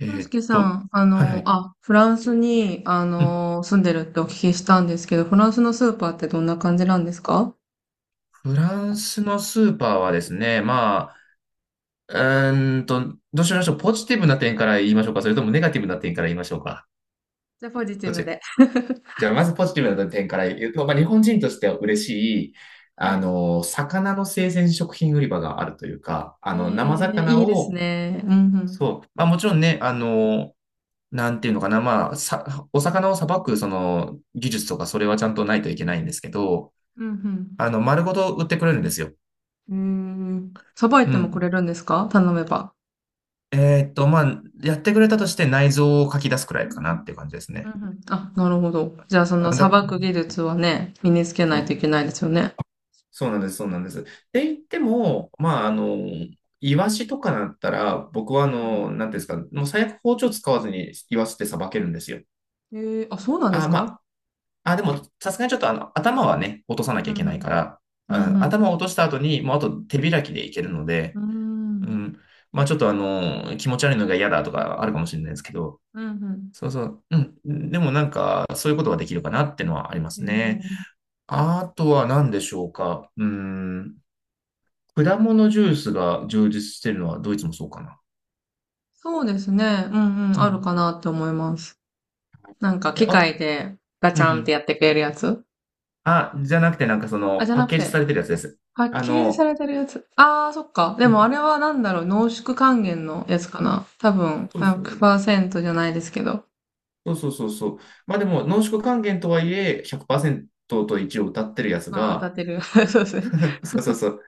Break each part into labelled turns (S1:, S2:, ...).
S1: え
S2: 俊
S1: ーっ
S2: 介さ
S1: と、
S2: ん、
S1: はいはい。
S2: フランスに、
S1: うん。
S2: 住んでるってお聞きしたんですけど、フランスのスーパーってどんな感じなんですか？
S1: フランスのスーパーはですね、まあ、どうしましょう。ポジティブな点から言いましょうか。それともネガティブな点から言いましょうか。
S2: じゃあ、ポジテ
S1: ど
S2: ィ
S1: っ
S2: ブ
S1: ちが、
S2: で。
S1: じゃあ、まずポジティブな点から言うと、まあ、日本人としては嬉しい、
S2: は
S1: あ
S2: い。
S1: の、魚の生鮮食品売り場があるというか、あの、生魚
S2: いいです
S1: を、
S2: ね。うんうん。
S1: そう、まあ、もちろんね、あの、なんていうのかな、まあ、さ、お魚をさばく、その、技術とか、それはちゃんとないといけないんですけど、
S2: う
S1: あ
S2: ん
S1: の、丸ごと売ってくれるんですよ。
S2: うん。うーん。さばい
S1: う
S2: てもくれ
S1: ん。
S2: るんですか、頼めば？
S1: まあ、やってくれたとして内臓を書き出すくらいかなっていう感じです
S2: うん
S1: ね。
S2: うん。あ、なるほど。じゃあ、その、
S1: あ、
S2: さ
S1: だ、
S2: ばく技術はね、身につけ
S1: そ
S2: ないとい
S1: う、
S2: けないですよね。
S1: そうなんです、そうなんです。って言っても、まあ、あの、イワシとかだったら、僕は、あ
S2: う
S1: の、
S2: ん
S1: なんていうんですか、もう最悪包丁使わずにイワシってさばけるんですよ。
S2: うん。あ、そうなんです
S1: あ、ま
S2: か？
S1: あ、あ、でも、さすがにちょっと、あの、頭はね、落とさなきゃ
S2: う
S1: いけ
S2: んう
S1: ないか
S2: ん。
S1: ら、
S2: うん
S1: あ、
S2: うん。
S1: 頭を落とした後に、もうあと手開きでいけるので、
S2: うー
S1: う
S2: ん。
S1: ん、まあ、ちょっと、あの、気持ち悪いのが嫌だとかあるかもしれないですけど、
S2: うんうん。
S1: そうそう。うん。でもなんか、そういうことができるかなってのはありま
S2: え
S1: すね。
S2: ー
S1: あとは何でしょうか。うーん。果物ジュースが充実してるのはドイツもそうかな。
S2: そうですね。うんうん、
S1: う
S2: ある
S1: ん。
S2: かなって思います。なんか
S1: いや、
S2: 機
S1: あ、
S2: 械でガ
S1: う
S2: チ
S1: んう
S2: ャンって
S1: ん。
S2: やってくれるやつ。
S1: あ、じゃなくてなんかそ
S2: あ、
S1: の、
S2: じゃ
S1: パッ
S2: なく
S1: ケージさ
S2: て、
S1: れてるやつです。
S2: パッ
S1: あ
S2: ケージさ
S1: の、
S2: れてるやつ。あー、そっか。で
S1: う
S2: もあ
S1: ん。
S2: れはなんだろう、濃縮還元のやつかな。多分、
S1: そうそうそう。
S2: 100%じゃないですけど。
S1: そうそうそうそう。まあでも、濃縮還元とはいえ、100%と一応歌ってるやつ
S2: まあ、歌っ
S1: が、
S2: てる。そうですね。
S1: そうそうそう。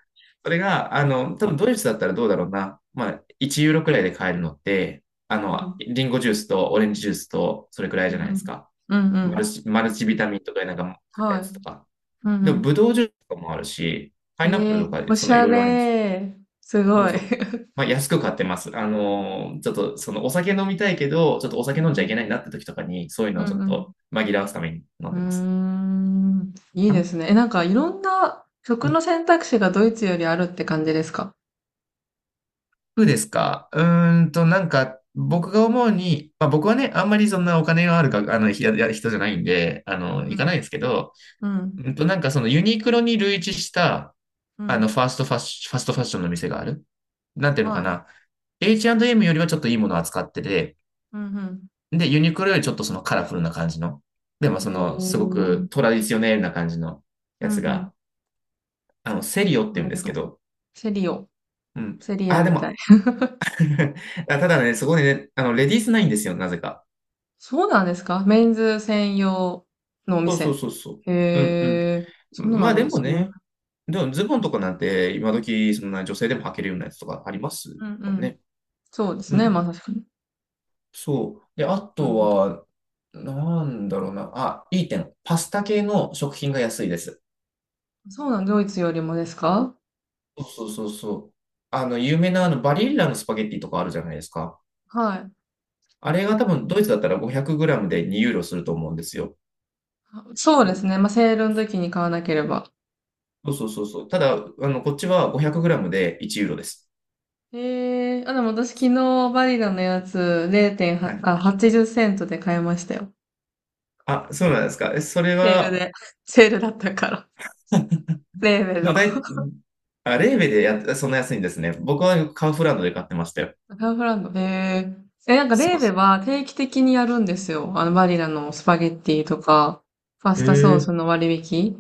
S1: それが、あの、多分ドイツだったらどうだろうな。まあ、1ユーロくらいで買えるのって、あ
S2: うんう
S1: の、
S2: ん。
S1: リンゴジュースとオレンジジュースと、それくらい
S2: う
S1: じゃな
S2: ん
S1: い
S2: う
S1: です
S2: ん。
S1: か。
S2: うんう
S1: マル
S2: ん。
S1: チ、マルチビタミンとかなんか食った
S2: は
S1: や
S2: い。
S1: つとか。
S2: うん
S1: で
S2: う
S1: も、ブ
S2: ん。
S1: ドウジュースとかもあるし、パ
S2: え
S1: イナップル
S2: え
S1: と
S2: ー、
S1: かで、
S2: お
S1: そ
S2: し
S1: のい
S2: ゃ
S1: ろいろあります。
S2: れー。す
S1: そ
S2: ご
S1: う
S2: い。
S1: そう。まあ、安く買ってます。あのーちょっと、その、お酒飲みたいけど、ちょっとお
S2: う
S1: 酒
S2: ん
S1: 飲
S2: う
S1: んじゃいけ
S2: ん。
S1: ないなって時とかに、そういう
S2: う
S1: の
S2: ん
S1: をちょっ
S2: うん。
S1: と紛らわすために飲ん
S2: うー
S1: でます。
S2: ん。いいで
S1: あ、
S2: すね。え、なんかいろんな
S1: う
S2: 食
S1: ん。
S2: の選択肢がドイツよりあるって感じですか？
S1: 服ですか。なんか、僕が思うに、まあ僕はね、あんまりそんなお金があるか、あの、ひやや人じゃないんで、あ
S2: う
S1: の、行か
S2: ん、
S1: ないんですけど、
S2: うん、
S1: なんかそのユニクロに類似した、
S2: う
S1: あの、
S2: ん。
S1: ファーストファッシファストファッションの店がある。なんていうの
S2: は
S1: か
S2: い。
S1: な。H&M よりはちょっといいものを扱ってて、
S2: うん、
S1: で、ユニクロよりちょっとそのカラフルな感じの、で
S2: う
S1: も
S2: ん。
S1: その、すごくトラディショネルな感じの
S2: う
S1: や
S2: ん、う
S1: つ
S2: ん。
S1: が、あの、セリオって
S2: な
S1: 言う
S2: る
S1: んで
S2: ほ
S1: すけ
S2: ど。
S1: ど、
S2: セリオ。
S1: うん。
S2: セリア
S1: あ、で
S2: みたい。
S1: も、あただね、そこでね、あの、レディースないんですよ、なぜか。
S2: そうなんですか？メンズ専用のお
S1: そうそう
S2: 店。
S1: そうそう。
S2: へ
S1: うん
S2: え、
S1: う
S2: そん
S1: ん。
S2: なの
S1: ま
S2: あ
S1: あ
S2: るん
S1: で
S2: で
S1: も
S2: すね。
S1: ね、でもズボンとかなんて今時そんな女性でも履けるようなやつとかあります
S2: うんう
S1: もん
S2: ん。
S1: ね。
S2: そうです
S1: う
S2: ね。まあ
S1: ん。
S2: 確かに。
S1: そう。で、あ
S2: なる
S1: と
S2: ほど。
S1: は、なんだろうな。あ、いい点。パスタ系の食品が安いです。
S2: そうなん、ドイツよりもですか？
S1: そうそうそうそう。あの、有名
S2: う
S1: なあの
S2: ん。
S1: バリッラのスパゲッティとかあるじゃないですか。
S2: はい。
S1: あれが多分ドイツだったら 500g で2ユーロすると思うんですよ。
S2: あ、そうです
S1: ど
S2: ね。まあセールの時に買わなければ。
S1: そうそうそうそう。ただ、あの、こっちは 500g で1ユーロです。
S2: ええー、あ、でも私昨日バリラのやつ
S1: は
S2: 0.8、
S1: い。
S2: あ、80セントで買いましたよ。
S1: あ、そうなんですか。えそれ
S2: セール
S1: は、
S2: で。セールだったから。レーベ
S1: で
S2: の。
S1: もだい、あ、レーベでやっ、そんな安いんですね。僕はカウフランドで買ってましたよ。
S2: カンフランド。えええ、なんか
S1: そ
S2: レ
S1: う
S2: ー
S1: で
S2: ベ
S1: す。
S2: は定期的にやるんですよ。あのバリラのスパゲッティとか、パス
S1: へ
S2: タソー
S1: え。
S2: スの割引。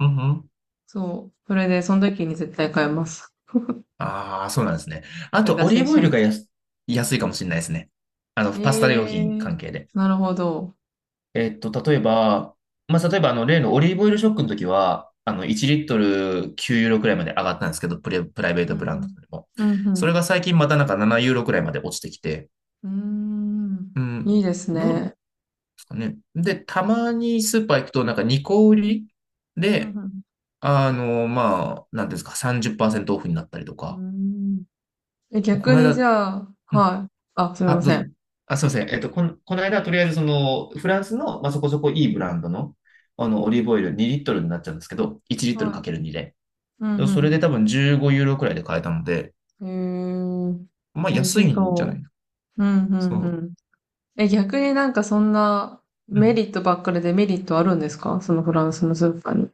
S1: うんうん。
S2: そう。それで、その時に絶対買います。
S1: ああ、そうなんですね。あ
S2: それ
S1: と、
S2: 脱
S1: オリー
S2: 線
S1: ブ
S2: しち
S1: オ
S2: ゃ
S1: イ
S2: い
S1: ル
S2: ま
S1: が
S2: す。
S1: 安、安いかもしれないですね。あの、パスタ用
S2: ええ
S1: 品
S2: ー、
S1: 関係で。
S2: なるほど。
S1: 例えば、まあ、例えば、あの、例のオリーブオイルショックの時は、あの、1リットル9ユーロくらいまで上がったんですけど、プレ、プライベー
S2: う
S1: トブランドで
S2: ん
S1: も。
S2: うん。う
S1: そ
S2: ん
S1: れが最近またなんか7ユーロくらいまで落ちてきて、
S2: うん。うーん。
S1: う
S2: い
S1: ん、
S2: いです
S1: ど、
S2: ね。
S1: ね。で、たまにスーパー行くと、なんか2個売り
S2: うん
S1: で、
S2: うん。
S1: あの、まあ、なんていうんですか、30%オフになったりと
S2: うー
S1: か。
S2: ん。え、
S1: こ
S2: 逆
S1: の
S2: にじ
S1: 間、
S2: ゃあ、
S1: うん、
S2: はい。あ、すみ
S1: あ、
S2: ま
S1: どう
S2: せん。
S1: ぞ。あ、すいません。この間、とりあえず、その、フランスの、まあ、そこそこいいブランドの、あの、オリーブオイル2リットルになっちゃうんですけど、1リットルか
S2: はい。
S1: ける2で。
S2: う
S1: でそれ
S2: ん
S1: で多分15ユーロくらいで買えたので、
S2: うん。へえ、
S1: まあ、
S2: 美味
S1: 安
S2: し
S1: いんじゃない
S2: そ
S1: の。
S2: う。うんうんう
S1: そ
S2: ん。え、逆になんかそんな
S1: う。う
S2: メ
S1: ん。
S2: リットばっかりでメリットあるんですか、そのフランスのスーパーに？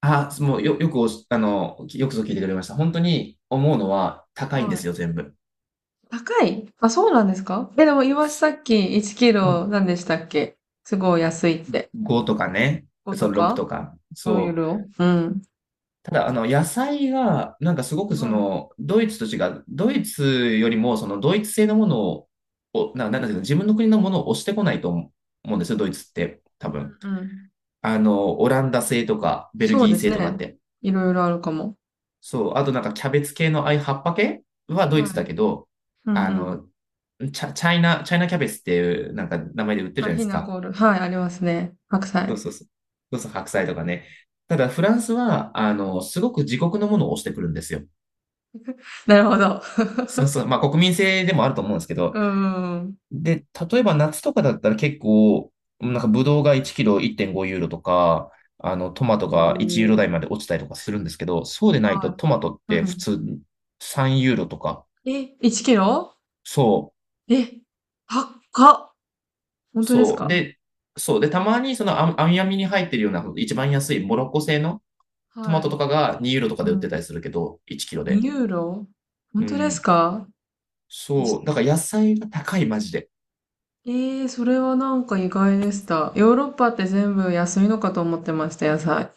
S1: あ、もう、よくおし、あの、よくぞ聞いてくれました。本当に思うのは、高いんで
S2: は
S1: す
S2: い。
S1: よ、全部。
S2: 高い？あ、そうなんですか？え、でも、イワシさ
S1: す
S2: っき1キ
S1: う
S2: ロ
S1: ん。
S2: 何でしたっけ？すごい安いって。
S1: 5とかね、
S2: 5
S1: そ
S2: と
S1: う、6
S2: か
S1: とか。
S2: ?5 ユー
S1: そう。
S2: ロ、うん。
S1: ただ、あの、野菜が、なんかすごくそ
S2: はい。
S1: の、ドイツと違う、ドイツよりも、その、ドイツ製のものを、なんだけど、自分の国のものを押してこないと思うんですよ、ドイツって、多分。
S2: うん。
S1: あの、オランダ製とか、ベル
S2: そう
S1: ギー
S2: です
S1: 製とかっ
S2: ね。
S1: て。
S2: いろいろあるかも。
S1: そう。あと、なんか、キャベツ系の、ああいう葉っぱ系はドイ
S2: は
S1: ツだ
S2: い。
S1: けど、
S2: う
S1: あ
S2: ん、
S1: の、チャイナキャベツっていう、なんか、名前で売ってるじ
S2: あ、
S1: ゃないで
S2: ひ
S1: す
S2: なコ
S1: か。
S2: ール。はい、ありますね。白
S1: そう
S2: 菜。
S1: そうそう。そうそう、白菜とかね。ただ、フランスは、あの、すごく自国のものを押してくるんですよ。
S2: なるほど。
S1: そうそう。まあ、国民性でもあると思うんですけ
S2: う
S1: ど。
S2: ーん。
S1: で、例えば夏とかだったら結構、なんか、ブドウが1キロ1.5ユーロとか、あの、トマト
S2: う
S1: が1ユーロ
S2: ーん。
S1: 台まで落ちたりとかするんですけど、そうでないと
S2: はい。
S1: トマトっ
S2: うん
S1: て
S2: う
S1: 普
S2: ん。
S1: 通に3ユーロとか。
S2: え、1キロ？
S1: そ
S2: え、高っ。
S1: う、
S2: 本当です
S1: そう。
S2: か？
S1: で、そう。で、たまにその、網網に入ってるような、一番安いモロッコ製のト
S2: は
S1: マトと
S2: い。
S1: かが2ユーロとか
S2: う
S1: で売って
S2: ん。
S1: たりするけど、1キロ
S2: 2
S1: で。
S2: ユーロ？
S1: う
S2: 本当です
S1: ん。
S2: か？
S1: そう。だから野菜が高い、マジで。
S2: それはなんか意外でした。ヨーロッパって全部安いのかと思ってました、野菜。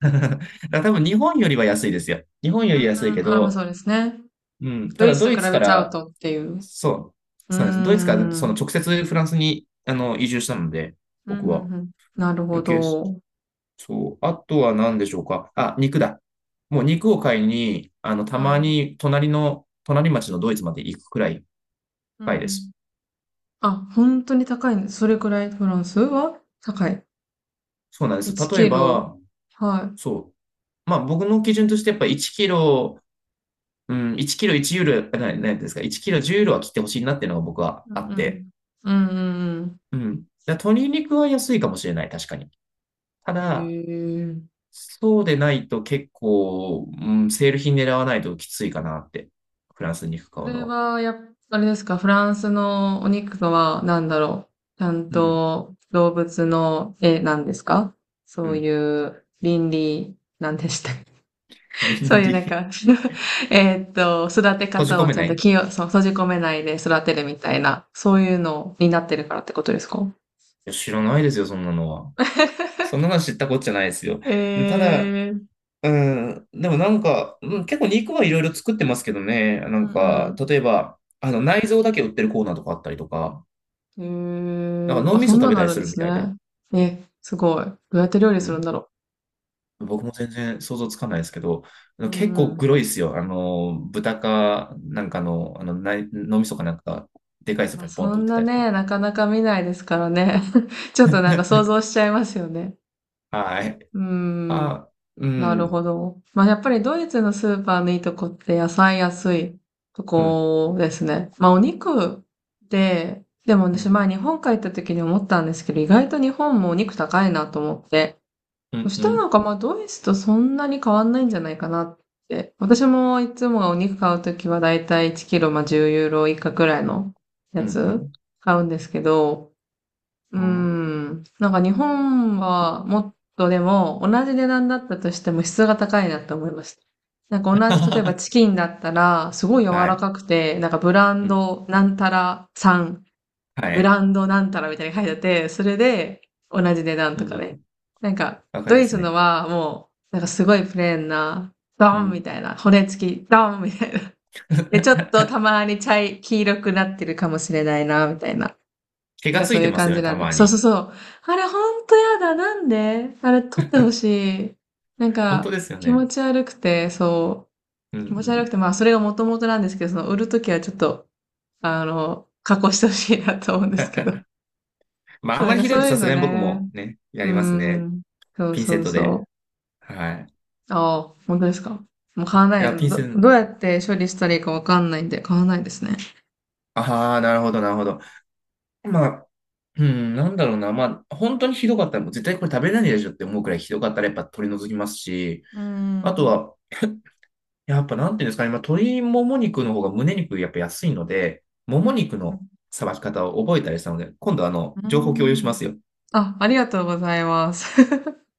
S1: だから多分日本よりは安いですよ。日本よ
S2: う
S1: り
S2: ん、
S1: 安いけ
S2: あ、まあ
S1: ど、
S2: そうですね。
S1: うん。た
S2: ドイ
S1: だド
S2: ツ
S1: イ
S2: と比
S1: ツか
S2: べちゃう
S1: ら、
S2: とっていう。
S1: そう、
S2: うー
S1: そうなんです。ドイツから
S2: ん。う
S1: その
S2: ん、
S1: 直接フランスにあの移住したので、
S2: うん、う
S1: 僕は。
S2: ん。なるほ
S1: 余計、
S2: ど。
S1: そう。あとは何でしょうか。あ、肉だ。もう肉を買いに、あの、た
S2: は
S1: ま
S2: い。
S1: に隣町のドイツまで行くくらい
S2: うん、う
S1: 高いで
S2: ん。
S1: す。
S2: あ、本当に高いんです。それくらいフランスは高い。
S1: そうなんです。
S2: 1
S1: 例え
S2: キロ。
S1: ば、
S2: はい。
S1: そう。まあ僕の基準としてやっぱ1キロ、うん、1キロ1ユーロ、なんですか、1キロ10ユーロは切ってほしいなっていうのが僕は
S2: う
S1: あ
S2: ん
S1: っ
S2: う
S1: て。
S2: ん。うんうん
S1: うん。だから鶏肉は安いかもしれない、確かに。
S2: う
S1: た
S2: ん。へ
S1: だ、
S2: え。
S1: そうでないと結構、うん、セール品狙わないときついかなって。フランス肉
S2: そ
S1: 買うの
S2: れ
S1: は。
S2: は、やっぱ、あれですか、フランスのお肉とは、なんだろう。ちゃん
S1: うん。
S2: と動物の絵なんですか？
S1: う
S2: そうい
S1: ん。
S2: う倫理、なんでしたっけ？ そう
S1: 倫
S2: いうなん
S1: 理。
S2: か 育て
S1: 閉じ
S2: 方
S1: 込
S2: を
S1: め
S2: ちゃ
S1: な
S2: ん
S1: い、
S2: と
S1: い
S2: 気を、そう、閉じ込めないで育てるみたいな、そういうのになってるからってことですか？
S1: や、知らないですよ、そんなのは。そんなの知ったこっちゃないですよ。ただ、
S2: え、
S1: うん、でもなんか、うん、結構肉はいろいろ作ってますけどね。な
S2: う
S1: んか、
S2: ん
S1: 例えば、あの、内臓だけ売ってるコーナーとかあったりとか、
S2: う
S1: だ
S2: ん。
S1: か
S2: へえ。
S1: ら脳
S2: あ、
S1: み
S2: そ
S1: そ
S2: ん
S1: 食
S2: な
S1: べ
S2: の
S1: た
S2: あ
S1: り
S2: るん
S1: す
S2: で
S1: るみ
S2: す
S1: たいで。
S2: ね。え、すごい。どうやって料理
S1: う
S2: するん
S1: ん。
S2: だろ
S1: 僕も全然想像つかないですけど、
S2: う。う
S1: 結
S2: ん
S1: 構
S2: うん。
S1: グロいっすよ。あの、豚か、なんかの、あの、ない脳みそかなんか、でかいスー
S2: ま
S1: パ
S2: あ
S1: ーにポン
S2: そ
S1: と売
S2: ん
S1: って
S2: な
S1: たりと
S2: ね、
S1: か。
S2: なかなか見ないですからね。ちょっとなんか想 像しちゃいますよね。
S1: はい。
S2: うん。
S1: あ、う
S2: なる
S1: ん、
S2: ほど。まあやっぱりドイツのスーパーのいいとこって野菜安いと
S1: うん、
S2: こですね。まあお肉で、でも
S1: う
S2: 私
S1: ん、
S2: 前日本帰った時に思ったんですけど、意外と日本もお肉高いなと思って。
S1: う
S2: そ
S1: ん、
S2: し
S1: う
S2: たらな
S1: ん、
S2: んか、ま、ドイツとそんなに変わんないんじゃないかなって。私もいつもお肉買うときはだいたい1キロ、ま、10ユーロ以下くらいの
S1: う
S2: や
S1: ん、う
S2: つ
S1: ん、
S2: 買うんですけど、うー
S1: うん。
S2: ん、なんか日本はもっとでも、同じ値段だったとしても質が高いなって思いました。なんか同じ例えばチキンだったら、すごい柔
S1: は
S2: ら
S1: い、
S2: かくて、なんかブラン
S1: うん、
S2: ドなんたらさん
S1: は
S2: ブ
S1: い、
S2: ランドなんたらみたいに書いてあって、それで同じ値段
S1: う
S2: と
S1: ん、
S2: か
S1: う
S2: ね。
S1: ん、
S2: なんか、
S1: わかり
S2: ド
S1: ま
S2: イ
S1: す
S2: ツの
S1: ね。
S2: はもう、なんかすごいプレーンな、
S1: う
S2: ドン
S1: ん。
S2: みたいな、骨付き、ドンみたいな。で、ちょっ とたまに黄色くなってるかもしれないな、みたいな。
S1: 毛
S2: なん
S1: が
S2: か
S1: つ
S2: そう
S1: い
S2: い
S1: て
S2: う
S1: ます
S2: 感
S1: よ
S2: じ
S1: ね、
S2: な
S1: た
S2: んで。
S1: ま
S2: そうそう
S1: に。
S2: そう。あれほんとやだ、なんであれ取ってほしい。なん
S1: 本当
S2: か、
S1: ですよ
S2: 気持
S1: ね。
S2: ち悪くて、そ
S1: うん、う
S2: う、気持ち悪く
S1: ん。
S2: て、まあそれが元々なんですけど、その売るときはちょっと、加工してほしいなと思うんですけど。
S1: まあ、
S2: そ
S1: あ
S2: う、
S1: ん
S2: な
S1: ま
S2: ん
S1: り
S2: か
S1: ひどい
S2: そ
S1: と
S2: うい
S1: さ
S2: う
S1: す
S2: の
S1: がに僕
S2: ね。
S1: もね、や
S2: う
S1: りますね。
S2: ん。そう
S1: ピンセ
S2: そ
S1: ッ
S2: う
S1: トで。
S2: そ
S1: はい。
S2: う。ああ、本当ですか。もう買わな
S1: い
S2: い。
S1: や、ピース
S2: ど
S1: ン、
S2: うやって処理したらいいかわかんないんで、買わないですね。
S1: ああ、なるほど、なるほど。まあ、うん、なんだろうな。まあ、本当にひどかったら、もう絶対これ食べれないでしょって思うくらいひどかったら、やっぱ取り除きますし、
S2: う
S1: あと
S2: ん。
S1: は、やっぱなんていうんですかね、まあ、鶏もも肉の方が胸肉やっぱ安いので、も
S2: う
S1: も
S2: ん。
S1: 肉
S2: うん。
S1: のさばき方を覚えたりしたので、今度あ
S2: う
S1: の、情報共有しま
S2: ん、
S1: すよ。
S2: あ、ありがとうございます。